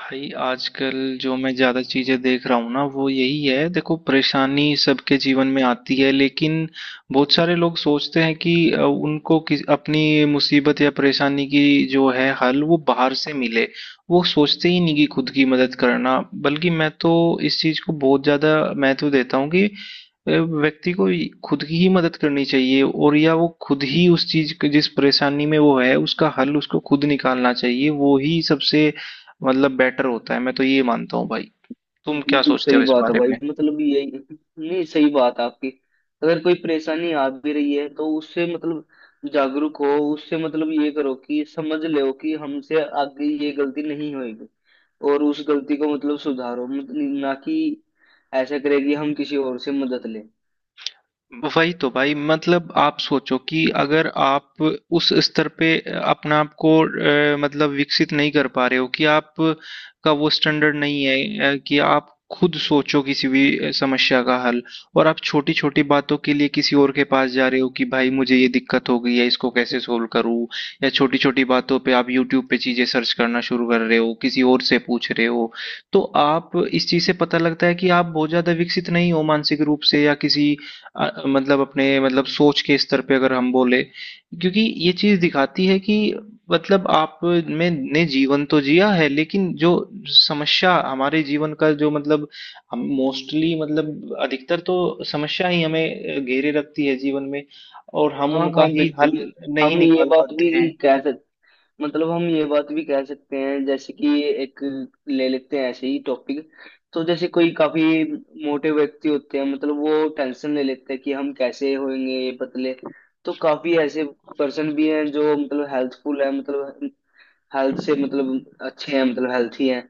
भाई आजकल जो मैं ज़्यादा चीज़ें देख रहा हूँ ना वो यही है। देखो, परेशानी सबके जीवन में आती है, लेकिन बहुत सारे लोग सोचते हैं कि उनको किस अपनी मुसीबत या परेशानी की जो है हल वो बाहर से मिले। वो सोचते ही नहीं कि खुद की मदद करना। बल्कि मैं तो इस चीज़ को बहुत ज़्यादा महत्व देता हूँ कि व्यक्ति को ही- खुद की ही मदद करनी चाहिए, और या वो खुद ही उस चीज के जिस परेशानी में वो है उसका हल उसको खुद निकालना चाहिए। वो ही सबसे मतलब बेटर होता है। मैं तो ये मानता हूँ भाई। तुम क्या बिल्कुल सोचते सही हो इस बात है बारे भाई, में? मतलब यही। नहीं, सही बात है आपकी। अगर कोई परेशानी आ भी रही है तो उससे मतलब जागरूक हो। उससे मतलब ये करो कि समझ लो कि हमसे आगे ये गलती नहीं होगी, और उस गलती को मतलब सुधारो, मतलब ना कि ऐसा करे कि हम किसी और से मदद लें। वही तो भाई। मतलब आप सोचो कि अगर आप उस स्तर पे अपने आप को मतलब विकसित नहीं कर पा रहे हो कि आप का वो स्टैंडर्ड नहीं है, कि आप खुद सोचो किसी भी समस्या का हल, और आप छोटी छोटी बातों के लिए किसी और के पास जा रहे हो कि भाई मुझे ये दिक्कत हो गई है, इसको कैसे सोल्व करूं, या छोटी छोटी बातों पे आप यूट्यूब पे चीजें सर्च करना शुरू कर रहे हो, किसी और से पूछ रहे हो, तो आप इस चीज से पता लगता है कि आप बहुत ज्यादा विकसित नहीं हो मानसिक रूप से, या किसी मतलब अपने मतलब सोच के स्तर पे अगर हम बोले। क्योंकि ये चीज दिखाती है कि मतलब आप में ने जीवन तो जिया है, लेकिन जो समस्या हमारे जीवन का जो मतलब हम मोस्टली मतलब अधिकतर तो समस्या ही हमें घेरे रखती है जीवन में, और हम हाँ उनका हाँ, ही बिल्कुल। हल हम नहीं ये निकाल बात पाते भी हैं। कह सकते हम ये बात भी कह सकते हैं, जैसे कि एक ले लेते हैं ऐसे ही टॉपिक। तो जैसे कोई काफी मोटे व्यक्ति होते हैं, मतलब वो टेंशन ले लेते हैं कि हम कैसे होंगे ये पतले। तो काफी ऐसे पर्सन भी हैं जो मतलब हेल्थफुल है, मतलब हेल्थ से मतलब अच्छे हैं, मतलब हेल्थी हैं।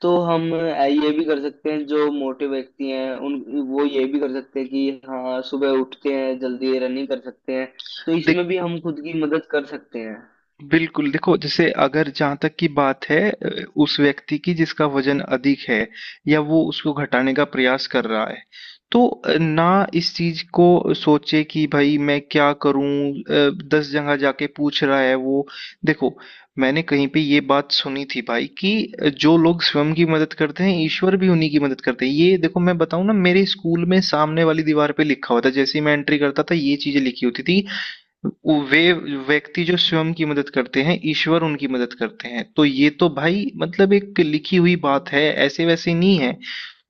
तो हम ये भी कर सकते हैं जो मोटे व्यक्ति हैं उन वो ये भी कर सकते हैं कि हाँ सुबह उठते हैं जल्दी रनिंग कर सकते हैं। तो इसमें भी हम खुद की मदद कर सकते हैं। बिल्कुल, देखो, जैसे अगर जहाँ तक की बात है उस व्यक्ति की जिसका वजन अधिक है या वो उसको घटाने का प्रयास कर रहा है, तो ना इस चीज को सोचे कि भाई मैं क्या करूं, 10 जगह जाके पूछ रहा है वो। देखो, मैंने कहीं पे ये बात सुनी थी भाई कि जो लोग स्वयं की मदद करते हैं, ईश्वर भी उन्हीं की मदद करते हैं। ये देखो मैं बताऊं ना, मेरे स्कूल में सामने वाली दीवार पे लिखा हुआ था, जैसे ही मैं एंट्री करता था ये चीजें लिखी होती थी। वे व्यक्ति जो स्वयं की मदद करते हैं ईश्वर उनकी मदद करते हैं। तो ये तो भाई मतलब एक लिखी हुई बात है, ऐसे वैसे नहीं है।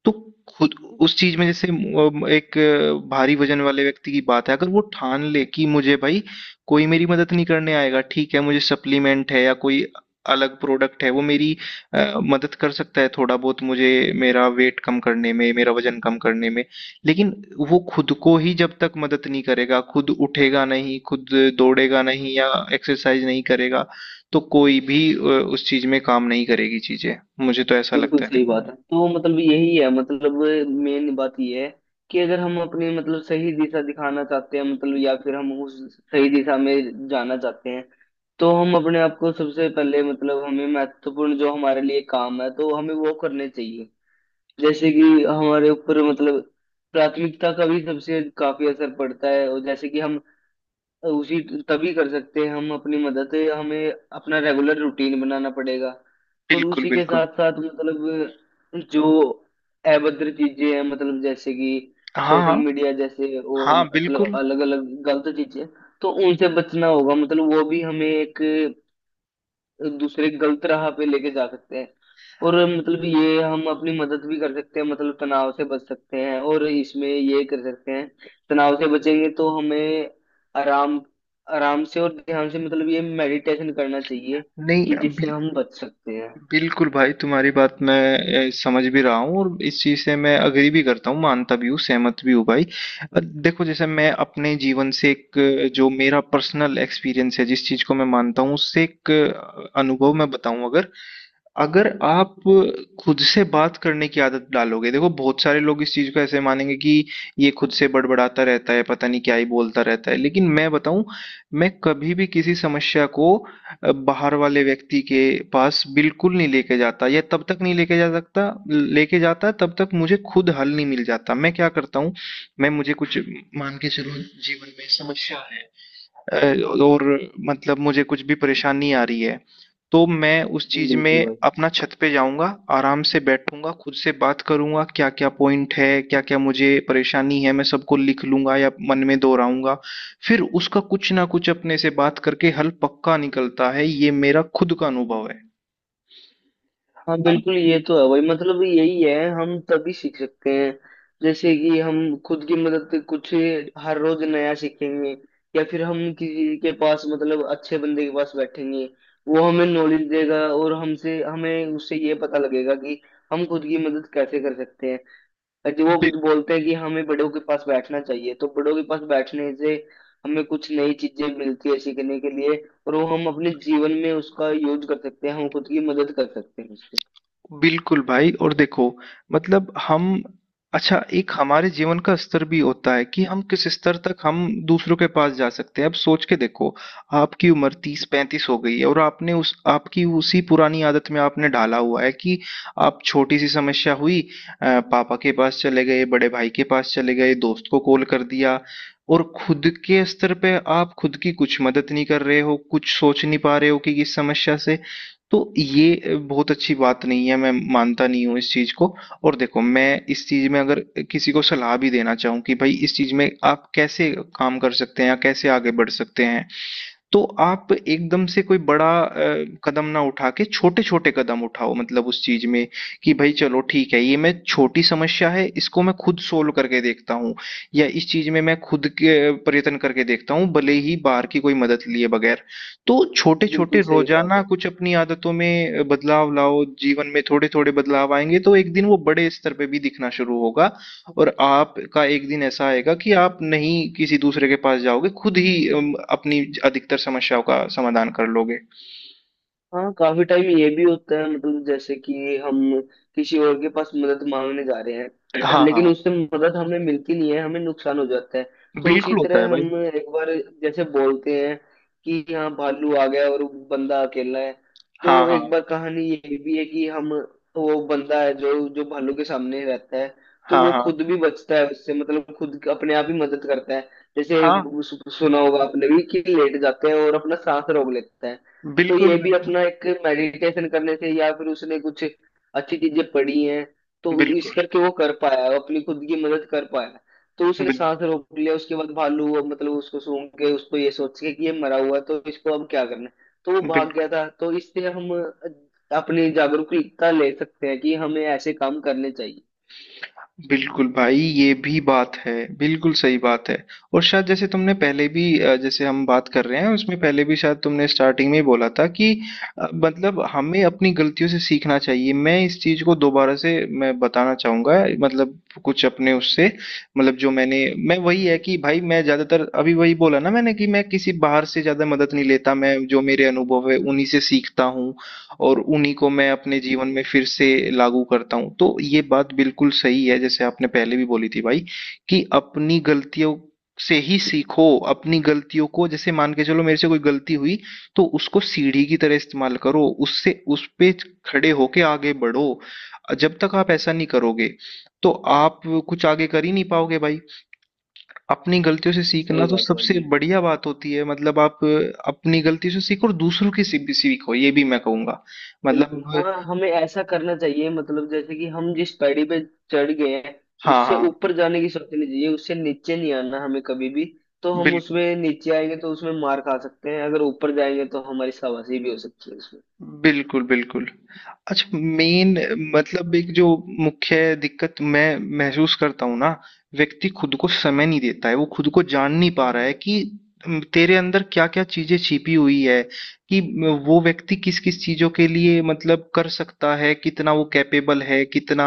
तो खुद उस चीज में, जैसे एक भारी वजन वाले व्यक्ति की बात है, अगर वो ठान ले कि मुझे भाई कोई मेरी मदद नहीं करने आएगा। ठीक है, मुझे सप्लीमेंट है या कोई अलग प्रोडक्ट है वो मेरी मदद कर सकता है थोड़ा बहुत मुझे, मेरा वेट कम करने में, मेरा वजन कम करने में, लेकिन वो खुद को ही जब तक मदद नहीं करेगा, खुद उठेगा नहीं, खुद दौड़ेगा नहीं या एक्सरसाइज नहीं करेगा, तो कोई भी उस चीज में काम नहीं करेगी चीजें। मुझे तो ऐसा बिल्कुल लगता है, सही देखो बात भाई। है, तो मतलब यही है। मतलब मेन बात यह है कि अगर हम अपनी मतलब सही दिशा दिखाना चाहते हैं, मतलब या फिर हम उस सही दिशा में जाना चाहते हैं, तो हम अपने आप को सबसे पहले मतलब हमें महत्वपूर्ण जो हमारे लिए काम है तो हमें वो करने चाहिए। जैसे कि हमारे ऊपर मतलब प्राथमिकता का भी सबसे काफी असर पड़ता है, और जैसे कि हम उसी तभी कर सकते हैं हम अपनी मदद। हमें अपना रेगुलर रूटीन बनाना पड़ेगा, और बिल्कुल। उसी के बिल्कुल। साथ साथ मतलब जो अभद्र चीजें हैं, मतलब जैसे कि हाँ। सोशल हाँ। मीडिया जैसे, और हाँ। मतलब बिल्कुल। अलग अलग गलत चीजें, तो उनसे बचना होगा। मतलब वो भी हमें एक दूसरे गलत राह पे लेके जा सकते हैं। और मतलब ये हम अपनी मदद भी कर सकते हैं, मतलब तनाव से बच सकते हैं और इसमें ये कर सकते हैं। तनाव से बचेंगे तो हमें आराम, आराम से और ध्यान से मतलब ये मेडिटेशन करना चाहिए नहीं। कि जिससे बिल, हम बच सकते हैं। बिल्कुल भाई, तुम्हारी बात मैं समझ भी रहा हूँ, और इस चीज से मैं अग्री भी करता हूँ, मानता भी हूँ, सहमत भी हूँ भाई। देखो, जैसे मैं अपने जीवन से एक जो मेरा पर्सनल एक्सपीरियंस है, जिस चीज को मैं मानता हूँ उससे एक अनुभव मैं बताऊं अगर। अगर आप खुद से बात करने की आदत डालोगे, देखो बहुत सारे लोग इस चीज को ऐसे मानेंगे कि ये खुद से बड़बड़ाता रहता है, पता नहीं क्या ही बोलता रहता है, लेकिन मैं बताऊं। मैं कभी भी किसी समस्या को बाहर वाले व्यक्ति के पास बिल्कुल नहीं लेके जाता, या तब तक नहीं लेके जा सकता, लेके जाता तब तक मुझे खुद हल नहीं मिल जाता। मैं क्या करता हूँ, मैं मुझे कुछ, मान के चलो जीवन में समस्या है अ, और मतलब मुझे कुछ भी परेशानी आ रही है, तो मैं उस चीज बिल्कुल में भाई। अपना छत पे जाऊंगा, आराम से बैठूंगा, खुद से बात करूंगा, क्या क्या पॉइंट है, क्या क्या मुझे परेशानी है, मैं सबको लिख लूंगा या मन में दोहराऊंगा, फिर उसका कुछ ना कुछ अपने से बात करके हल पक्का निकलता है। ये मेरा खुद का अनुभव है। हाँ, बिल्कुल ये तो है भाई, मतलब यही है। हम तभी सीख सकते हैं जैसे कि हम खुद की मदद से कुछ हर रोज नया सीखेंगे, या फिर हम किसी के पास मतलब अच्छे बंदे के पास बैठेंगे, वो हमें नॉलेज देगा, और हमसे हमें उससे ये पता लगेगा कि हम खुद की मदद कैसे कर सकते हैं। जो वो अब बोलते हैं कि हमें बड़ों के पास बैठना चाहिए, तो बड़ों के पास बैठने से हमें कुछ नई चीजें मिलती है सीखने के लिए, और वो हम अपने जीवन में उसका यूज कर सकते हैं, हम खुद की मदद कर सकते हैं उससे। बिल्कुल भाई, और देखो मतलब हम, अच्छा, एक हमारे जीवन का स्तर भी होता है कि हम किस स्तर तक हम दूसरों के पास जा सकते हैं। अब सोच के देखो, आपकी उम्र 30 35 हो गई है, और आपने उस आपकी उसी पुरानी आदत में आपने डाला हुआ है कि आप छोटी सी समस्या हुई, पापा के पास चले गए, बड़े भाई के पास चले गए, दोस्त को कॉल कर दिया, और खुद के स्तर पे आप खुद की कुछ मदद नहीं कर रहे हो, कुछ सोच नहीं पा रहे हो कि इस समस्या से। तो ये बहुत अच्छी बात नहीं है, मैं मानता नहीं हूँ इस चीज़ को। और देखो, मैं इस चीज़ में अगर किसी को सलाह भी देना चाहूँ कि भाई इस चीज़ में आप कैसे काम कर सकते हैं या कैसे आगे बढ़ सकते हैं, तो आप एकदम से कोई बड़ा कदम ना उठा के छोटे-छोटे कदम उठाओ, मतलब उस चीज में कि भाई चलो ठीक है, ये मैं छोटी समस्या है, इसको मैं खुद सोल्व करके देखता हूँ, या इस चीज में मैं खुद के प्रयत्न करके देखता हूँ, भले ही बाहर की कोई मदद लिए बगैर। तो छोटे-छोटे बिल्कुल सही बात रोजाना है। कुछ अपनी आदतों में बदलाव लाओ, जीवन में थोड़े-थोड़े बदलाव आएंगे तो एक दिन वो बड़े स्तर पे भी दिखना शुरू होगा, और आपका एक दिन ऐसा आएगा कि आप नहीं किसी दूसरे के पास जाओगे, खुद ही अपनी अधिकतर समस्याओं का समाधान कर लोगे। हाँ काफी टाइम ये भी होता है, मतलब जैसे कि हम किसी और के पास मदद मांगने जा रहे हैं हाँ, लेकिन हाँ। उससे मदद हमें मिलती नहीं है, हमें नुकसान हो जाता है। तो इसी बिल्कुल होता है तरह हम, भाई। एक बार, जैसे बोलते हैं कि यहाँ भालू आ गया और बंदा अकेला है, हाँ, तो हाँ। एक बार कहानी ये भी है कि हम वो बंदा है जो जो भालू के सामने रहता है, तो हाँ, वो खुद हाँ। भी बचता है उससे, मतलब खुद अपने आप ही मदद करता है। जैसे हाँ। सुना होगा आपने भी कि लेट जाते हैं और अपना सांस रोक लेता है, तो बिल्कुल, ये भी बिल्कुल। अपना एक मेडिटेशन करने से, या फिर उसने कुछ अच्छी चीजें पढ़ी हैं, तो इस बिल्कुल, करके वो कर पाया, वो अपनी खुद की मदद कर पाया। तो उसने बिल सांस रोक लिया, उसके बाद भालू वो मतलब उसको सूंघ के, उसको ये सोच के कि ये मरा हुआ है तो इसको अब क्या करना है, तो वो बिल भाग गया था। तो इससे हम अपनी जागरूकता ले सकते हैं कि हमें ऐसे काम करने चाहिए। बिल्कुल भाई, ये भी बात है। बिल्कुल सही बात है। और शायद, जैसे तुमने पहले भी जैसे हम बात कर रहे हैं उसमें पहले भी शायद तुमने स्टार्टिंग में ही बोला था कि मतलब हमें अपनी गलतियों से सीखना चाहिए, मैं इस चीज को दोबारा से मैं बताना चाहूंगा, मतलब कुछ अपने उससे, मतलब जो मैंने, मैं वही है कि भाई, मैं ज्यादातर अभी वही बोला ना मैंने कि मैं किसी बाहर से ज्यादा मदद नहीं लेता, मैं जो मेरे अनुभव है उन्हीं से सीखता हूँ, और उन्हीं को मैं अपने जीवन में फिर से लागू करता हूँ। तो ये बात बिल्कुल सही है, जैसे आपने पहले भी बोली थी भाई कि अपनी गलतियों से ही सीखो। अपनी गलतियों को, जैसे मान के चलो मेरे से कोई गलती हुई, तो उसको सीढ़ी की तरह इस्तेमाल करो, उससे उस पे खड़े होके आगे बढ़ो। जब तक आप ऐसा नहीं करोगे तो आप कुछ आगे कर ही नहीं पाओगे भाई। अपनी गलतियों से सीखना सही तो बात है भाई, सबसे बिल्कुल। बढ़िया बात होती है, मतलब आप अपनी गलतियों से सीखो और दूसरों की से भी सीखो, ये भी मैं कहूंगा, बिल्कुल, मतलब। हाँ हमें ऐसा करना चाहिए, मतलब जैसे कि हम जिस पैड़ी पे चढ़ गए हैं, हाँ उससे हाँ। ऊपर जाने की सोचनी चाहिए, उससे नीचे नहीं आना हमें कभी भी। तो हम बिल्कुल। उसमें नीचे आएंगे तो उसमें मार खा सकते हैं, अगर ऊपर जाएंगे तो हमारी शाबाशी भी हो सकती है उसमें। बिल्कुल, बिल्कुल। अच्छा, मेन मतलब एक जो मुख्य दिक्कत मैं महसूस करता हूँ ना, व्यक्ति खुद को समय नहीं देता है, वो खुद को जान नहीं पा रहा है कि तेरे अंदर क्या-क्या चीज़ें छिपी हुई है, कि म वो व्यक्ति किस-किस चीज़ों के लिए मतलब कर सकता है, कितना वो कैपेबल है, कितना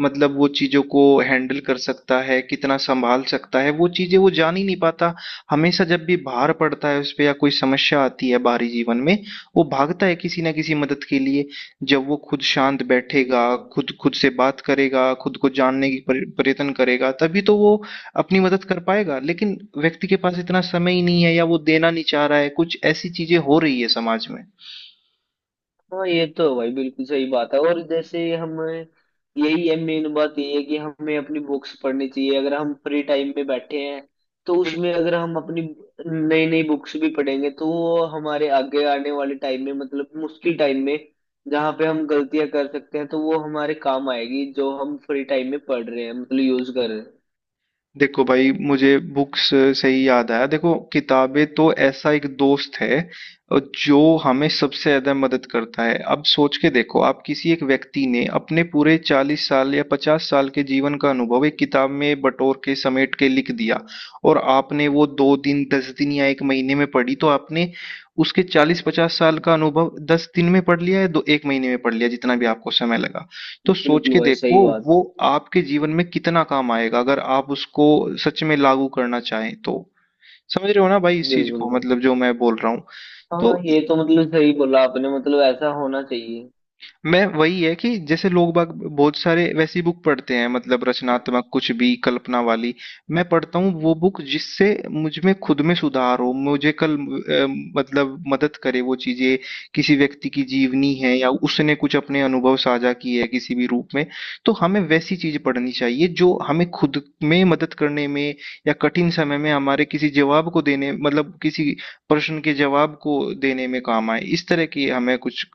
मतलब वो चीज़ों को हैंडल कर सकता है, कितना सँभाल सकता है, वो चीज़ें वो जान ही नहीं पाता। हमेशा जब भी भार पड़ता है उस पे या कोई समस्या आती है बाहरी जीवन में, वो भागता है किसी न किसी मदद के लिए। जब वो खुद शांत बैठेगा, बिल्कुल। खुद खुद से बात करेगा, खुद को जानने की पर प्रयत्न करेगा, तभी तो वो अपनी मदद कर पाएगा। लेकिन व्यक्ति के पास इतना समय ही नहीं है, या वो देना नहीं चाह रहा है। कुछ ऐसी चीज़ें हो रही है समाज में। हाँ ये तो है भाई, बिल्कुल सही बात है। और जैसे हमें, यही है मेन बात, ये है कि हमें अपनी बुक्स पढ़नी चाहिए। अगर हम फ्री टाइम में बैठे हैं तो उसमें बिल्कुल। अगर हम अपनी नई नई बुक्स भी पढ़ेंगे, तो वो हमारे आगे आने वाले टाइम में मतलब मुश्किल टाइम में, जहाँ पे हम गलतियां कर सकते हैं, तो वो हमारे काम आएगी जो हम फ्री टाइम में पढ़ रहे हैं, मतलब यूज कर रहे हैं। देखो भाई, मुझे बुक्स से ही याद आया। देखो, किताबें तो ऐसा एक दोस्त है अ, जो हमें सबसे ज्यादा मदद करता है। अब सोच के देखो, आप किसी एक व्यक्ति ने अपने पूरे 40 साल या 50 साल के जीवन का अनुभव एक किताब में बटोर के समेट के लिख दिया, और आपने वो 2 दिन, 10 दिन या एक महीने में पढ़ी, तो आपने उसके 40 50 साल का अनुभव 10 दिन में पढ़ लिया, या 2 एक महीने में पढ़ लिया, जितना भी आपको समय लगा। तो सोच बिल्कुल के भाई, सही देखो बात। वो आपके जीवन में कितना काम आएगा, अगर आप उसको सच में लागू करना चाहें तो। समझ रहे हो ना भाई इस चीज बिल्कुल को, भाई, मतलब जो मैं बोल रहा हूँ। हाँ तो ये तो मतलब सही बोला आपने, मतलब ऐसा होना चाहिए। मैं वही है कि जैसे लोग बाग बहुत सारे वैसी बुक पढ़ते हैं, मतलब रचनात्मक कुछ भी, कल्पना वाली। मैं पढ़ता हूँ वो बुक जिससे मुझ में खुद में सुधार हो, मुझे कल मतलब मदद करे वो चीजें, किसी व्यक्ति की जीवनी है या उसने कुछ अपने अनुभव साझा किए है किसी भी रूप में, तो हमें वैसी चीज पढ़नी चाहिए जो हमें खुद में मदद करने में, या कठिन समय में हमारे किसी जवाब को देने, मतलब किसी प्रश्न के जवाब को देने में काम आए। इस तरह की हमें कुछ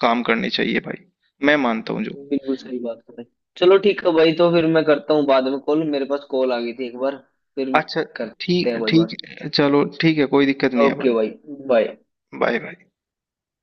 काम करनी चाहिए भाई, मैं मानता हूँ जो। बिल्कुल सही बात कर रहे हैं। चलो ठीक है भाई, तो फिर मैं करता हूँ बाद में कॉल, मेरे पास कॉल आ गई थी एक बार, फिर अच्छा। करते ठीक हैं भाई ठीक। बात। चलो ठीक है, कोई दिक्कत नहीं है ओके भाई। भाई। बाय। Bye bye.